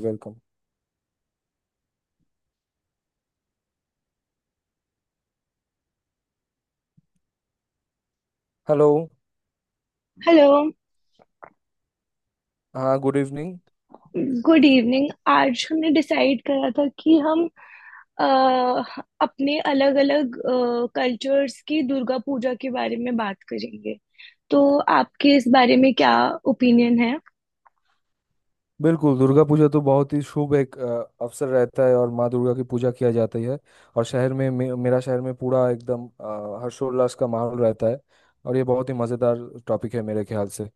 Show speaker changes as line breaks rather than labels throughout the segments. Welcome. Hello.
Hello.
हाँ, good evening.
Good evening. आज हमने डिसाइड करा था कि हम अ, अपने अलग अलग कल्चर्स की दुर्गा पूजा के बारे में बात करेंगे। तो आपके इस बारे में क्या ओपिनियन है?
बिल्कुल दुर्गा पूजा तो बहुत ही शुभ एक अवसर रहता है और माँ दुर्गा की पूजा किया जाती है। और शहर में मेरा शहर में पूरा एकदम हर्षोल्लास का माहौल रहता है। और ये बहुत ही मज़ेदार टॉपिक है मेरे ख्याल से।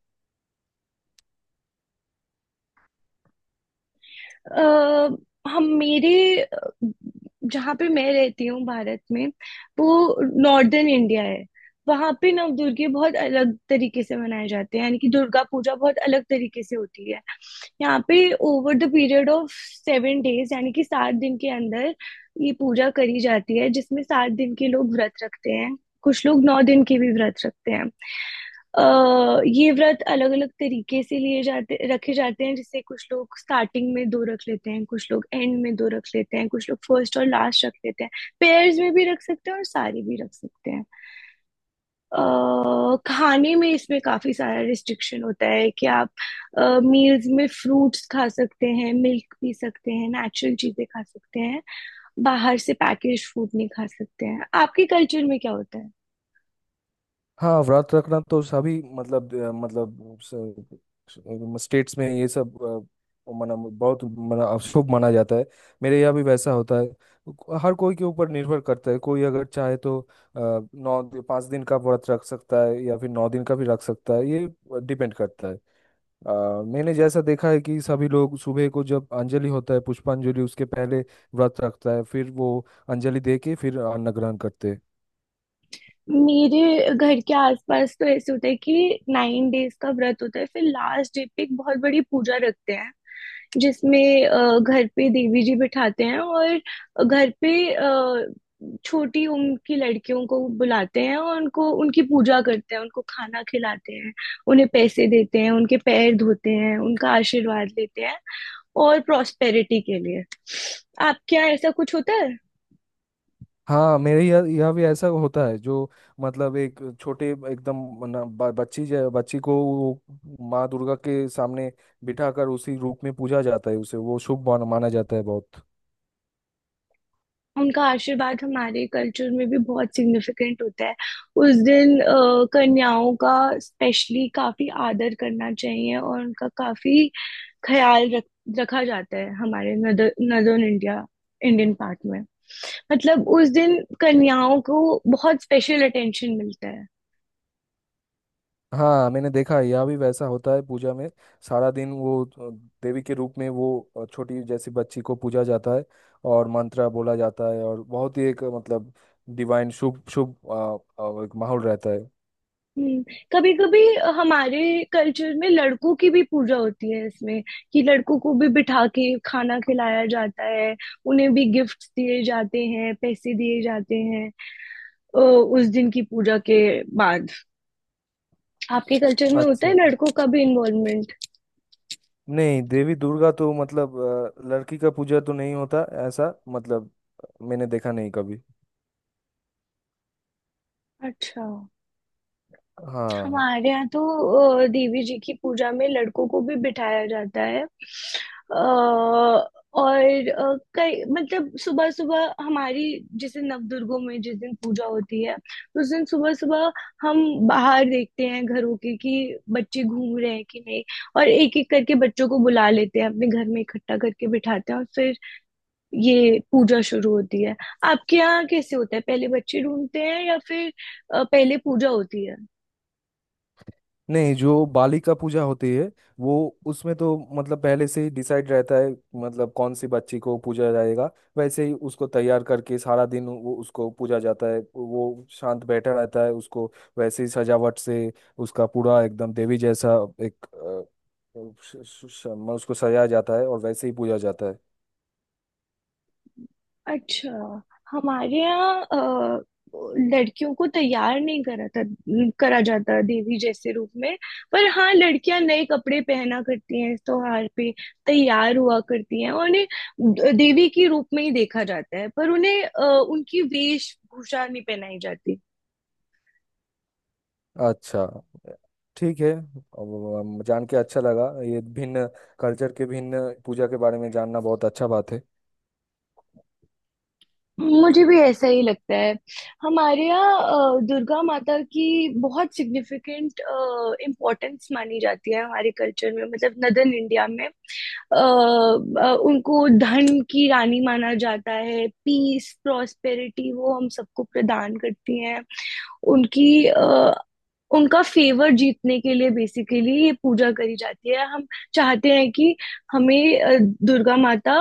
अ, हम मेरे अ, जहाँ पे मैं रहती हूँ भारत में, वो नॉर्दर्न इंडिया है। वहाँ पे नवदुर्गे बहुत अलग तरीके से मनाए जाते हैं, यानी कि दुर्गा पूजा बहुत अलग तरीके से होती है। यहाँ पे over the period of 7 days, यानी कि 7 दिन के अंदर ये पूजा करी जाती है जिसमें 7 दिन के लोग व्रत रखते हैं। कुछ लोग 9 दिन के भी व्रत रखते हैं। अ, ये व्रत अलग अलग तरीके से लिए जाते रखे जाते हैं। जैसे कुछ लोग स्टार्टिंग में दो रख लेते हैं, कुछ लोग एंड में दो रख लेते हैं, कुछ लोग फर्स्ट और लास्ट रख लेते हैं। पेयर्स में भी रख सकते हैं और सारे भी रख सकते हैं। खाने में इसमें काफी सारा रिस्ट्रिक्शन होता है कि आप मील्स में फ्रूट्स खा सकते हैं, मिल्क पी सकते हैं, नेचुरल चीजें खा सकते हैं। बाहर से पैकेज फूड नहीं खा सकते हैं। आपके कल्चर में क्या होता है?
हाँ, व्रत रखना तो सभी मतलब मतलब स्टेट्स में ये सब मना बहुत मना शुभ माना जाता है। मेरे यहाँ भी वैसा होता है। हर कोई के ऊपर निर्भर करता है, कोई अगर चाहे तो नौ पाँच दिन का व्रत रख सकता है या फिर नौ दिन का भी रख सकता है, ये डिपेंड करता है। अ, मैंने जैसा देखा है कि सभी लोग सुबह को जब अंजलि होता है पुष्पांजलि उसके पहले व्रत रखता है, फिर वो अंजलि दे के फिर अन्न ग्रहण करते हैं।
मेरे घर के आसपास तो ऐसे होता है कि 9 डेज का व्रत होता है, फिर लास्ट डे पे एक बहुत बड़ी पूजा रखते हैं जिसमें घर पे देवी जी बिठाते हैं और घर पे छोटी उम्र की लड़कियों को बुलाते हैं और उनको उनकी पूजा करते हैं, उनको खाना खिलाते हैं, उन्हें पैसे देते हैं, उनके पैर धोते हैं, उनका आशीर्वाद लेते हैं और प्रॉस्पेरिटी के लिए। आपके यहाँ ऐसा कुछ होता है?
हाँ, मेरे यहाँ यहाँ भी ऐसा होता है। जो मतलब एक छोटे एकदम बच्ची बच्ची को वो माँ दुर्गा के सामने बिठाकर उसी रूप में पूजा जाता है, उसे वो शुभ माना जाता है बहुत।
उनका आशीर्वाद हमारे कल्चर में भी बहुत सिग्निफिकेंट होता है। उस दिन कन्याओं का स्पेशली काफी आदर करना चाहिए और उनका काफी ख्याल रख रखा जाता है हमारे नदर्न इंडिया इंडियन पार्ट में। मतलब उस दिन कन्याओं को बहुत स्पेशल अटेंशन मिलता है।
हाँ, मैंने देखा है यहाँ भी वैसा होता है। पूजा में सारा दिन वो देवी के रूप में वो छोटी जैसी बच्ची को पूजा जाता है और मंत्र बोला जाता है। और बहुत ही एक मतलब डिवाइन शुभ शुभ एक माहौल रहता है।
हम्म। कभी कभी हमारे कल्चर में लड़कों की भी पूजा होती है इसमें, कि लड़कों को भी बिठा के खाना खिलाया जाता है, उन्हें भी गिफ्ट्स दिए जाते हैं, पैसे दिए जाते हैं उस दिन की पूजा के बाद। आपके कल्चर में होता
अच्छा।
है लड़कों का भी इन्वॉल्वमेंट?
नहीं, देवी दुर्गा तो मतलब लड़की का पूजा तो नहीं होता ऐसा, मतलब मैंने देखा नहीं कभी।
अच्छा।
हाँ।
हमारे यहाँ तो देवी जी की पूजा में लड़कों को भी बिठाया जाता है। और कई मतलब सुबह सुबह हमारी, जैसे नवदुर्गों में जिस दिन पूजा होती है तो उस दिन सुबह सुबह हम बाहर देखते हैं घरों के कि बच्चे घूम रहे हैं कि नहीं। और एक एक करके बच्चों को बुला लेते हैं, अपने घर में इकट्ठा करके बिठाते हैं और फिर ये पूजा शुरू होती है। आपके यहाँ कैसे होता है, पहले बच्चे ढूंढते हैं या फिर पहले पूजा होती है?
नहीं, जो बालिका पूजा होती है, वो उसमें तो मतलब पहले से ही डिसाइड रहता है, मतलब कौन सी बच्ची को पूजा जाएगा। वैसे ही उसको तैयार करके सारा दिन वो उसको पूजा जाता है, वो शांत बैठा रहता है, उसको वैसे ही सजावट से उसका पूरा एकदम देवी जैसा एक उसको सजाया जाता है और वैसे ही पूजा जाता है।
अच्छा। हमारे यहाँ लड़कियों को तैयार नहीं करा जाता देवी जैसे रूप में। पर हाँ लड़कियां नए कपड़े पहना करती हैं इस त्योहार पे, तैयार हुआ करती हैं और उन्हें देवी के रूप में ही देखा जाता है, पर उन्हें उनकी वेशभूषा नहीं पहनाई जाती।
अच्छा, ठीक है। अब हम जान के अच्छा लगा, ये भिन्न कल्चर के भिन्न पूजा के बारे में जानना बहुत अच्छा बात है।
मुझे भी ऐसा ही लगता है। हमारे यहाँ दुर्गा माता की बहुत सिग्निफिकेंट इम्पोर्टेंस मानी जाती है हमारे कल्चर में, मतलब नदर्न इंडिया में। उनको धन की रानी माना जाता है। पीस प्रॉस्पेरिटी वो हम सबको प्रदान करती हैं। उनकी उनका फेवर जीतने के लिए बेसिकली ये पूजा करी जाती है। हम चाहते हैं कि हमें दुर्गा माता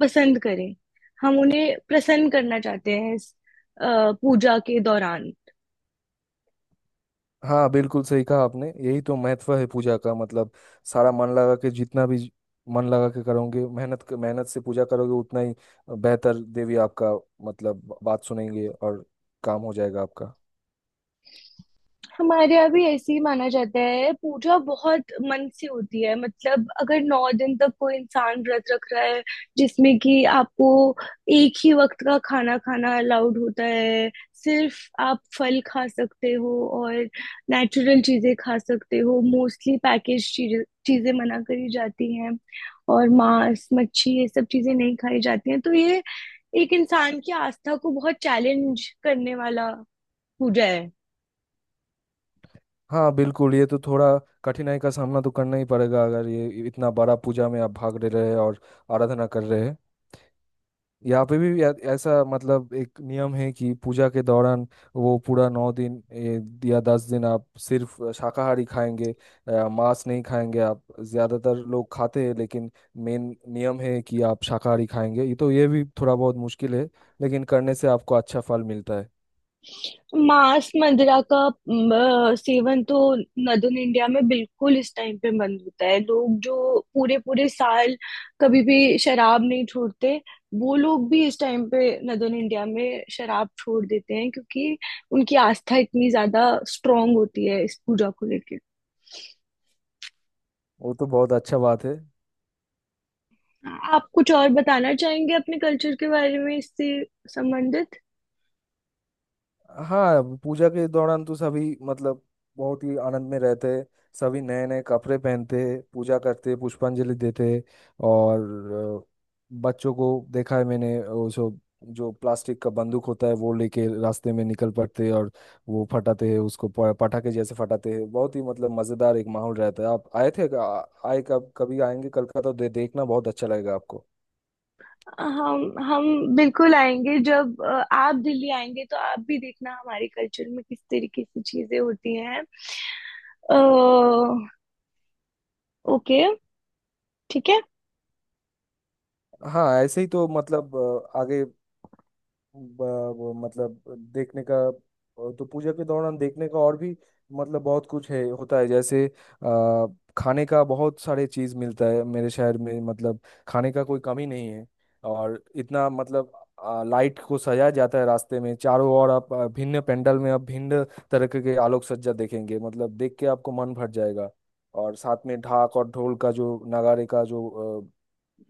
पसंद करें। हम उन्हें प्रसन्न करना चाहते हैं इस अ, पूजा के दौरान।
हाँ, बिल्कुल सही कहा आपने, यही तो महत्व है पूजा का। मतलब सारा मन लगा के, जितना भी मन लगा के करोगे, मेहनत मेहनत से पूजा करोगे उतना ही बेहतर देवी आपका मतलब बात सुनेंगे और काम हो जाएगा आपका।
हमारे यहाँ भी ऐसे ही माना जाता है। पूजा बहुत मन से होती है। मतलब अगर 9 दिन तक कोई इंसान व्रत रख रहा है, जिसमें कि आपको एक ही वक्त का खाना खाना अलाउड होता है, सिर्फ आप फल खा सकते हो और नेचुरल चीजें खा सकते हो। मोस्टली पैकेज चीजें चीजें मना करी जाती हैं और मांस मच्छी ये सब चीजें नहीं खाई जाती हैं। तो ये एक इंसान की आस्था को बहुत चैलेंज करने वाला पूजा है।
हाँ, बिल्कुल। ये तो थोड़ा कठिनाई का सामना तो करना ही पड़ेगा अगर ये इतना बड़ा पूजा में आप भाग ले रहे हैं और आराधना कर रहे हैं। यहाँ पे भी ऐसा मतलब एक नियम है कि पूजा के दौरान वो पूरा नौ दिन या दस दिन आप सिर्फ शाकाहारी खाएंगे, मांस नहीं खाएंगे आप। ज्यादातर लोग खाते हैं, लेकिन मेन नियम है कि आप शाकाहारी खाएंगे। ये तो ये भी थोड़ा बहुत मुश्किल है, लेकिन करने से आपको अच्छा फल मिलता है।
मांस मंदिरा का म, सेवन तो नदन इंडिया में बिल्कुल इस टाइम पे बंद होता है। लोग जो पूरे पूरे साल कभी भी शराब नहीं छोड़ते, वो लोग भी इस टाइम पे नदन इंडिया में शराब छोड़ देते हैं, क्योंकि उनकी आस्था इतनी ज्यादा स्ट्रांग होती है इस पूजा को लेके।
वो तो बहुत अच्छा बात है।
आप कुछ और बताना चाहेंगे अपने कल्चर के बारे में इससे संबंधित?
हाँ, पूजा के दौरान तो सभी मतलब बहुत ही आनंद में रहते हैं। सभी नए नए कपड़े पहनते हैं, पूजा करते हैं, पुष्पांजलि देते हैं। और अ, बच्चों को देखा है मैंने, वो जो जो प्लास्टिक का बंदूक होता है वो लेके रास्ते में निकल पड़ते हैं और वो फटाते हैं उसको पटाखे जैसे फटाते हैं। बहुत ही मतलब मजेदार एक माहौल रहता है। आप आए थे आए, कब कभी आएंगे कलकत्ता तो देखना बहुत अच्छा लगेगा आपको।
हम बिल्कुल आएंगे। जब आप दिल्ली आएंगे तो आप भी देखना हमारे कल्चर में किस तरीके की चीजें होती हैं। अ, ओके, ठीक है।
हाँ, ऐसे ही तो मतलब आगे वो मतलब देखने का, तो पूजा के दौरान देखने का और भी मतलब बहुत कुछ है होता है। जैसे आ, खाने का बहुत सारे चीज मिलता है मेरे शहर में, मतलब खाने का कोई कमी नहीं है। और इतना मतलब लाइट को सजाया जाता है रास्ते में चारों ओर। आप भिन्न पंडाल में आप भिन्न तरह के आलोक सज्जा देखेंगे, मतलब देख के आपको मन भर जाएगा। और साथ में ढाक और ढोल का, जो नगाड़े का जो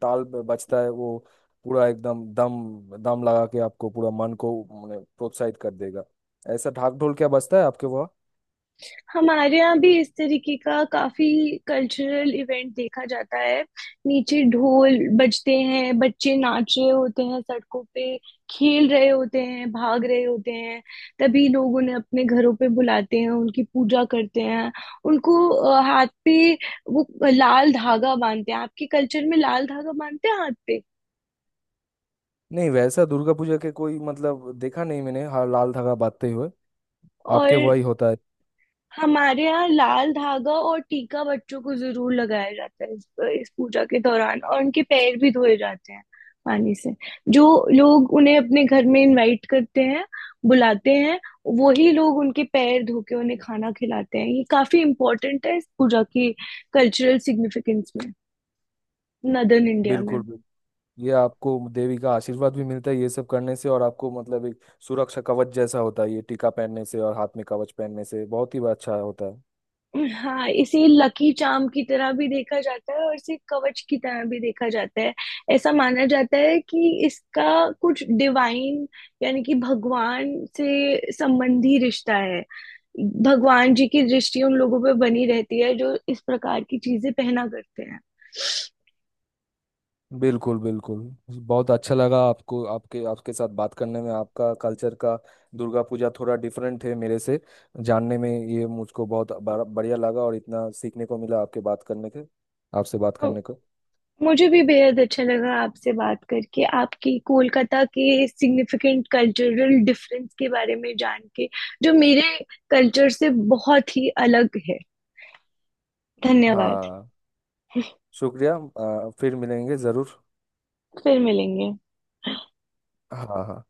ताल बजता है, वो पूरा एकदम दम दम लगा के आपको पूरा मन को माने प्रोत्साहित कर देगा। ऐसा ढाक ढोल क्या बजता है आपके वहाँ?
हमारे यहाँ भी इस तरीके का काफी कल्चरल इवेंट देखा जाता है। नीचे ढोल बजते हैं, बच्चे नाच रहे होते हैं सड़कों पे, खेल रहे होते हैं, भाग रहे होते हैं। तभी लोग उन्हें अपने घरों पे बुलाते हैं, उनकी पूजा करते हैं, उनको हाथ पे वो लाल धागा बांधते हैं। आपके कल्चर में लाल धागा बांधते हैं हाथ पे?
नहीं, वैसा दुर्गा पूजा के कोई मतलब देखा नहीं मैंने। हाँ, लाल धागा बांधते हुए आपके
और
वहाँ ही होता है।
हमारे यहाँ लाल धागा और टीका बच्चों को जरूर लगाया जाता है इस पूजा के दौरान। और उनके पैर भी धोए जाते हैं पानी से। जो लोग उन्हें अपने घर में इनवाइट करते हैं, बुलाते हैं, वही लोग उनके पैर धो के उन्हें खाना खिलाते हैं। ये काफी इम्पोर्टेंट है इस पूजा की कल्चरल सिग्निफिकेंस में नदर्न इंडिया में।
बिल्कुल बिल्कुल। ये आपको देवी का आशीर्वाद भी मिलता है ये सब करने से, और आपको मतलब एक सुरक्षा कवच जैसा होता है ये टीका पहनने से और हाथ में कवच पहनने से, बहुत ही अच्छा होता है।
हाँ इसे लकी चार्म की तरह भी देखा जाता है और इसे कवच की तरह भी देखा जाता है। ऐसा माना जाता है कि इसका कुछ डिवाइन, यानी कि भगवान से संबंधी रिश्ता है। भगवान जी की दृष्टि उन लोगों पे बनी रहती है जो इस प्रकार की चीजें पहना करते हैं।
बिल्कुल बिल्कुल। बहुत अच्छा लगा आपको, आपके आपके साथ बात करने में। आपका कल्चर का दुर्गा पूजा थोड़ा डिफरेंट है मेरे से, जानने में ये मुझको बहुत बढ़िया लगा और इतना सीखने को मिला आपके बात करने के, आपसे बात
तो
करने को।
मुझे भी बेहद अच्छा लगा आपसे बात करके, आपकी कोलकाता के सिग्निफिकेंट कल्चरल डिफरेंस के बारे में जान के, जो मेरे कल्चर से बहुत ही अलग है। धन्यवाद।
हाँ, शुक्रिया। फिर मिलेंगे ज़रूर।
फिर मिलेंगे।
हाँ हाँ।